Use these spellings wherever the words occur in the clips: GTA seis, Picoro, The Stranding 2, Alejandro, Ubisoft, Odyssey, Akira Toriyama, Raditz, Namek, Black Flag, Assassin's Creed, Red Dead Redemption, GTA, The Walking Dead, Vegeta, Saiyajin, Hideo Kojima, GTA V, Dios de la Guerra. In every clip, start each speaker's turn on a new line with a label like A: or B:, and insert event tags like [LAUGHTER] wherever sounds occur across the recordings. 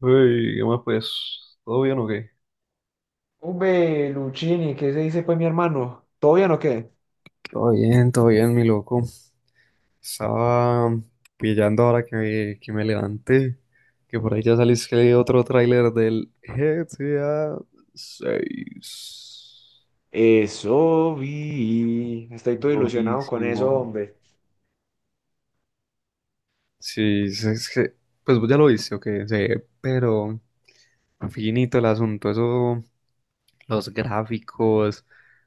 A: Uy, ¿qué más pues? ¿Todo bien o qué?
B: Ube, Luchini, ¿qué se dice pues mi hermano? ¿Todo bien o qué?
A: Todo bien, mi loco. Estaba pillando ahora que me levanté, que por ahí ya salió otro tráiler del GTA 6.
B: Eso vi. Estoy todo ilusionado con eso,
A: Durísimo.
B: hombre.
A: Sí, es que, pues vos ya lo viste, ok, sí, pero finito el asunto, eso, los gráficos,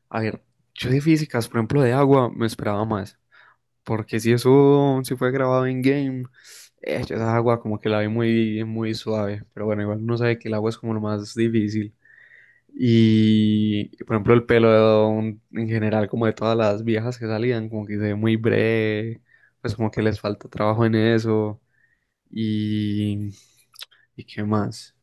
A: a ver, yo de físicas, por ejemplo, de agua, me esperaba más. Porque si fue grabado en game, yo esa agua como que la ve muy, muy suave. Pero bueno, igual uno sabe que el agua es como lo más difícil. Y, por ejemplo, el pelo en general, como de todas las viejas que salían, como que se ve muy breve, pues como que les falta trabajo en eso. Y, ¿y qué más?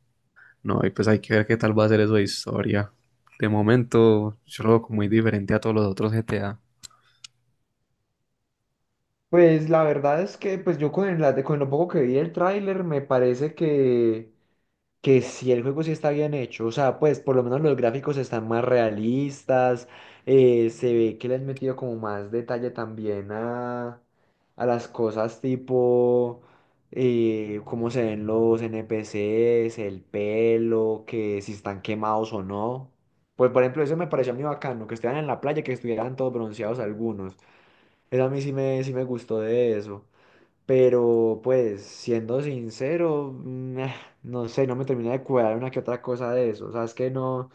A: No, y pues hay que ver qué tal va a ser eso de historia. De momento, yo lo veo como muy diferente a todos los otros GTA.
B: Pues la verdad es que pues yo con lo poco que vi del tráiler me parece que si el juego sí está bien hecho, o sea, pues por lo menos los gráficos están más realistas. Se ve que le han metido como más detalle también a las cosas tipo cómo se ven los NPCs, el pelo, que si están quemados o no. Pues por ejemplo, eso me pareció muy bacano, que estuvieran en la playa, que estuvieran todos bronceados algunos. Eso a mí sí me gustó de eso. Pero pues, siendo sincero, no sé, no me termina de cuadrar una que otra cosa de eso. O sea, es que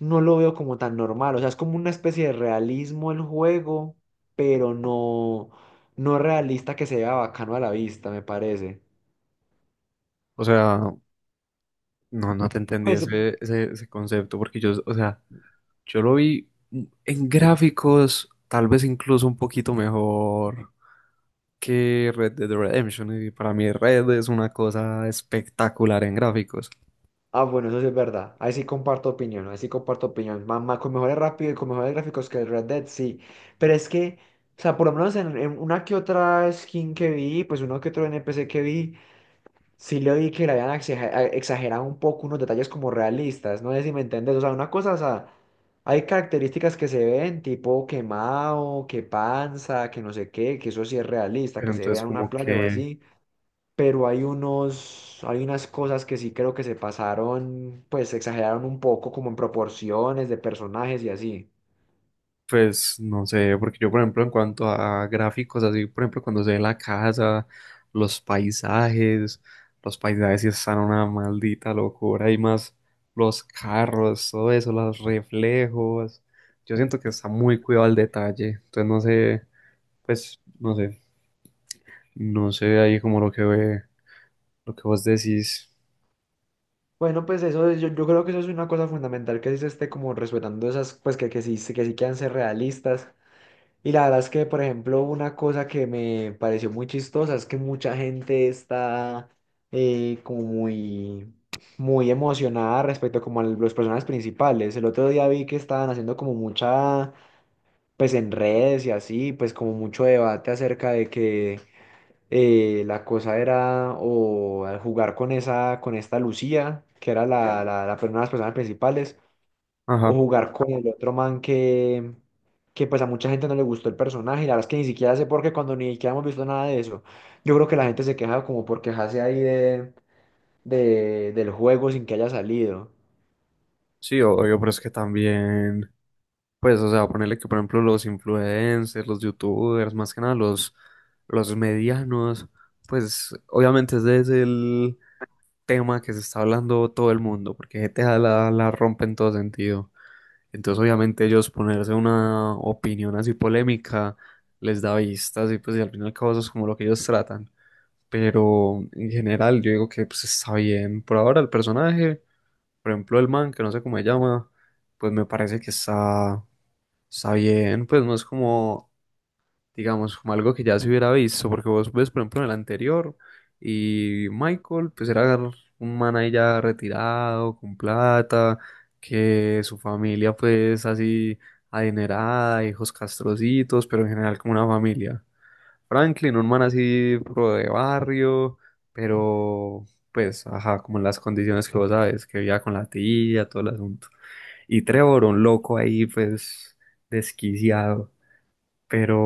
B: no lo veo como tan normal. O sea, es como una especie de realismo el juego, pero no realista que se vea bacano a la vista, me parece.
A: O sea, no, no te entendí
B: Pues,
A: ese concepto, porque yo, o sea, yo lo vi en gráficos, tal vez incluso un poquito mejor que Red Dead Redemption, y para mí Red es una cosa espectacular en gráficos.
B: bueno, eso sí es verdad. Ahí sí comparto opinión, ahí sí comparto opinión. Mamá, con mejores rápido y con mejores gráficos que el Red Dead, sí. Pero es que, o sea, por lo menos en una que otra skin que vi, pues uno que otro NPC que vi. Sí le oí que le habían exagerado un poco unos detalles como realistas, no sé si me entendés, o sea, una cosa, o sea, hay características que se ven, tipo quemado, que panza, que no sé qué, que eso sí es realista,
A: Pero
B: que se vea
A: entonces
B: en
A: como
B: una playa o
A: que,
B: así, pero hay unos, hay unas cosas que sí creo que se pasaron, pues exageraron un poco como en proporciones de personajes y así.
A: pues no sé, porque yo por ejemplo en cuanto a gráficos, así por ejemplo cuando se ve la casa, los paisajes, los paisajes sí están una maldita locura y más los carros, todo eso, los reflejos, yo siento que está muy cuidado al detalle, entonces no sé, pues no sé, no sé ahí como lo que ve, lo que vos decís,
B: Bueno, pues yo creo que eso es una cosa fundamental que sí se esté como respetando esas, pues que sí, que sí quieran ser realistas. Y la verdad es que, por ejemplo, una cosa que me pareció muy chistosa es que mucha gente está como muy, muy emocionada respecto como a los personajes principales. El otro día vi que estaban haciendo como mucha, pues en redes y así, pues como mucho debate acerca de que la cosa era o al jugar con esa, con esta Lucía, que era una de las personas principales o
A: ajá,
B: jugar con el otro man que pues a mucha gente no le gustó el personaje, y la verdad es que ni siquiera sé por qué cuando ni siquiera hemos visto nada de eso. Yo creo que la gente se queja como por quejarse ahí del juego sin que haya salido.
A: sí, obvio, pero es que también... Pues, o sea, ponerle que, por ejemplo, los influencers, los youtubers, más que nada los medianos, pues obviamente ese es el tema que se está hablando todo el mundo, porque G T a la rompe en todo sentido. Entonces, obviamente ellos ponerse una opinión así polémica les da vistas y pues y al final y al cabo eso es como lo que ellos tratan. Pero en general yo digo que pues está bien. Por ahora el personaje, por ejemplo, el man, que no sé cómo se llama, pues me parece que está... Está bien, pues no es como, digamos, como algo que ya se hubiera visto, porque vos ves, por ejemplo, en el anterior, y Michael, pues era un man ahí ya retirado, con plata, que su familia, pues así, adinerada, hijos castrocitos, pero en general como una familia. Franklin, un man así, pro de barrio, pero, pues, ajá, como en las condiciones que vos sabes, que vivía con la tía, todo el asunto. Y Trevor, un loco ahí, pues, desquiciado. Pero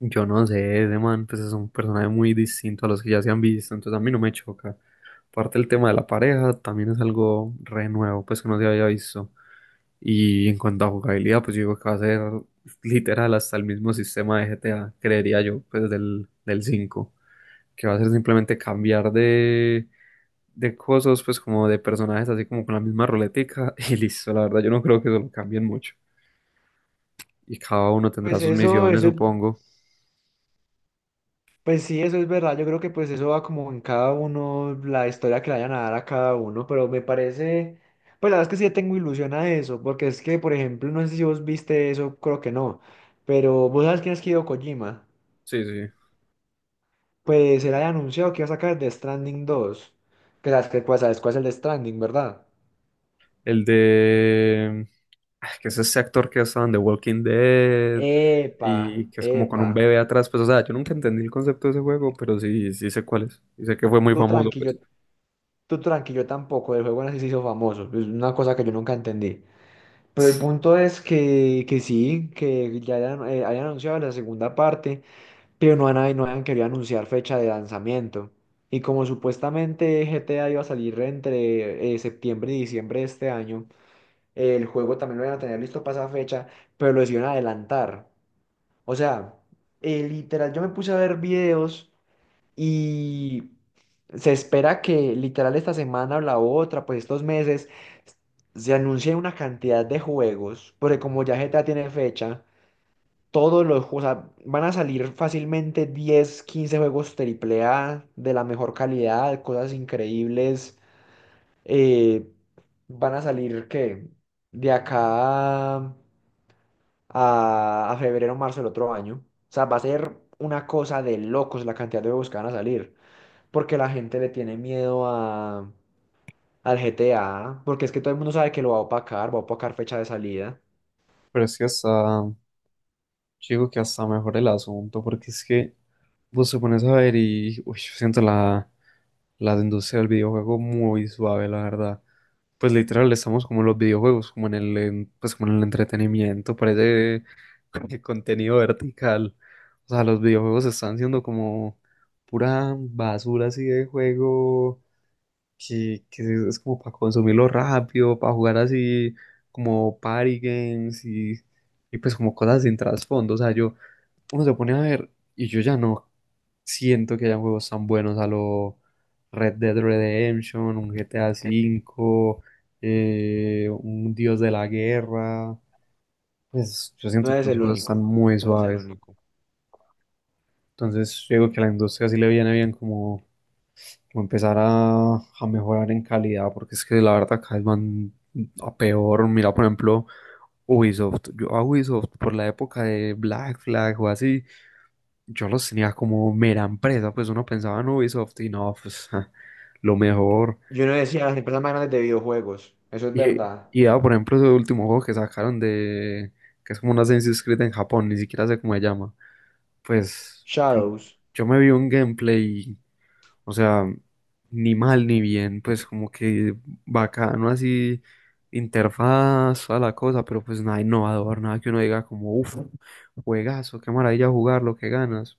A: yo no sé, ese man pues es un personaje muy distinto a los que ya se han visto, entonces a mí no me choca. Aparte el tema de la pareja también es algo re nuevo, pues que no se había visto. Y en cuanto a jugabilidad, pues yo digo que va a ser literal hasta el mismo sistema de GTA, creería yo, pues del 5. Que va a ser simplemente cambiar de, cosas, pues como de personajes, así como con la misma ruletica [LAUGHS] y listo, la verdad yo no creo que eso lo cambien mucho. Y cada uno tendrá
B: Pues
A: sus
B: eso,
A: misiones,
B: eso,
A: supongo.
B: pues sí, eso es verdad. Yo creo que pues eso va como en cada uno, la historia que le vayan a dar a cada uno, pero me parece, pues la verdad es que sí tengo ilusión a eso, porque es que, por ejemplo, no sé si vos viste eso, creo que no, pero vos sabes quién es Hideo Kojima.
A: Sí, sí.
B: Pues él había anunciado que iba a sacar The Stranding 2. Que sabes que pues, sabes cuál es el The Stranding, ¿verdad?
A: El de, que es ese actor que ha estado en The Walking Dead
B: Epa,
A: y que es como con
B: epa.
A: un bebé atrás, pues o sea, yo nunca entendí el concepto de ese juego, pero sí, sí sé cuál es, y sé que fue muy
B: Tú
A: famoso,
B: tranquilo,
A: pues.
B: tú tranquilo tampoco. El juego así se hizo famoso. Es una cosa que yo nunca entendí. Pero el punto es que sí, que ya hayan anunciado la segunda parte, pero no han querido anunciar fecha de lanzamiento. Y como supuestamente GTA iba a salir entre septiembre y diciembre de este año. El juego también lo iban a tener listo para esa fecha, pero lo decidieron adelantar. O sea, literal, yo me puse a ver videos y se espera que literal esta semana o la otra, pues estos meses, se anuncie una cantidad de juegos, porque como ya GTA tiene fecha, todos los juegos, o sea, van a salir fácilmente 10-15 juegos triple A de la mejor calidad, cosas increíbles. eh, Van a salir, ¿qué? De acá a febrero o marzo del otro año. O sea, va a ser una cosa de locos la cantidad de juegos que van a salir, porque la gente le tiene miedo a, al GTA, porque es que todo el mundo sabe que lo va a opacar fecha de salida.
A: Pero es que hasta, yo digo que hasta mejor el asunto, porque es que vos te pones a ver y uy, yo siento la industria del videojuego muy suave, la verdad. Pues literal estamos como en los videojuegos, como pues como en el entretenimiento, parece [LAUGHS] contenido vertical. O sea, los videojuegos están siendo como pura basura así de juego que es como para consumirlo rápido, para jugar así como party games y pues como cosas sin trasfondo. O sea, yo, uno se pone a ver y yo ya no siento que hayan juegos tan buenos a lo Red Dead Redemption, un GTA V, un Dios de la Guerra. Pues yo
B: No
A: siento que
B: eres
A: los
B: el
A: juegos están
B: único,
A: muy
B: no eres el
A: suaves.
B: único.
A: Entonces, yo digo que a la industria sí le viene bien como o empezar a mejorar en calidad, porque es que la verdad cada vez van a peor. Mira, por ejemplo, Ubisoft. Yo a Ubisoft por la época de Black Flag o así, yo los tenía como mera empresa, pues uno pensaba en Ubisoft y no, pues ja, lo mejor.
B: Yo no decía las empresas más grandes de videojuegos, eso es
A: Y,
B: verdad.
A: y ya, por ejemplo, ese último juego que sacaron de, que es como una Assassin's Creed en Japón, ni siquiera sé cómo se llama. Pues yo,
B: Shadows.
A: yo me vi un gameplay. O sea, ni mal ni bien, pues como que bacano así, interfaz, a la cosa, pero pues nada innovador, nada que uno diga como, uff, juegazo, qué maravilla jugarlo, qué ganas.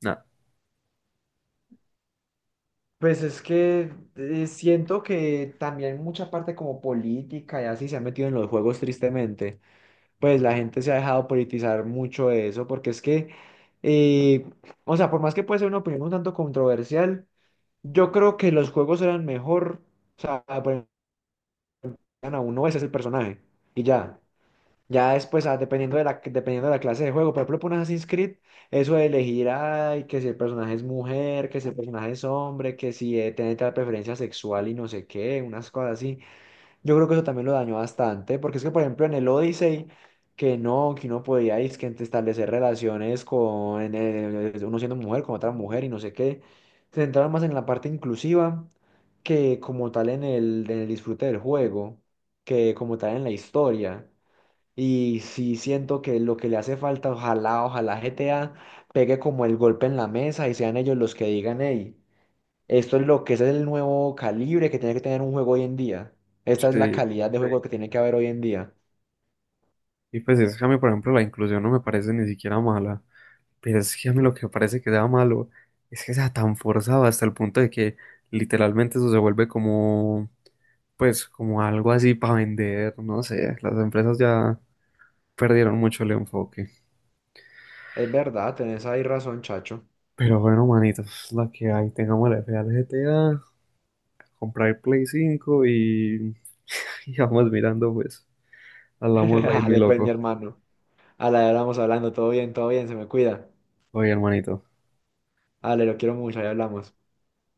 A: Nada.
B: Pues es que siento que también mucha parte como política y así se ha metido en los juegos tristemente. Pues la gente se ha dejado politizar mucho de eso, porque es que, eh, o sea, por más que puede ser una opinión un tanto controversial, yo creo que los juegos eran mejor, o sea, ponían a uno, ese es el personaje, y ya. Ya después, dependiendo de la clase de juego, por ejemplo, por un Assassin's Creed, eso de elegir, ay, que si el personaje es mujer, que si el personaje es hombre, que si tiene tal preferencia sexual y no sé qué, unas cosas así. Yo creo que eso también lo dañó bastante, porque es que, por ejemplo, en el Odyssey, que no, que uno podía es que establecer relaciones con uno siendo mujer, con otra mujer y no sé qué, se centraron más en la parte inclusiva que como tal en el disfrute del juego, que como tal en la historia. Y sí siento que lo que le hace falta, ojalá, ojalá GTA pegue como el golpe en la mesa y sean ellos los que digan, hey. Esto es lo que ese es el nuevo calibre que tiene que tener un juego hoy en día. Esta es la
A: Sí,
B: calidad de, sí, juego que tiene que haber hoy en día.
A: y pues es que a mí, por ejemplo, la inclusión no me parece ni siquiera mala, pero es que a mí lo que me parece que sea malo es que sea tan forzado hasta el punto de que literalmente eso se vuelve como, pues como algo así para vender, no sé, las empresas ya perdieron mucho el enfoque.
B: Es verdad, tenés ahí razón, chacho.
A: Pero bueno, manitos, la que hay, tengamos el FA al GTA, comprar el Play 5 y, [LAUGHS] y vamos mirando, pues, hablamos live,
B: [LAUGHS]
A: mi
B: Ale pues, mi
A: loco.
B: hermano. A la hora vamos hablando, todo bien, se me cuida.
A: Oye, hermanito,
B: Ale lo quiero mucho, ya hablamos.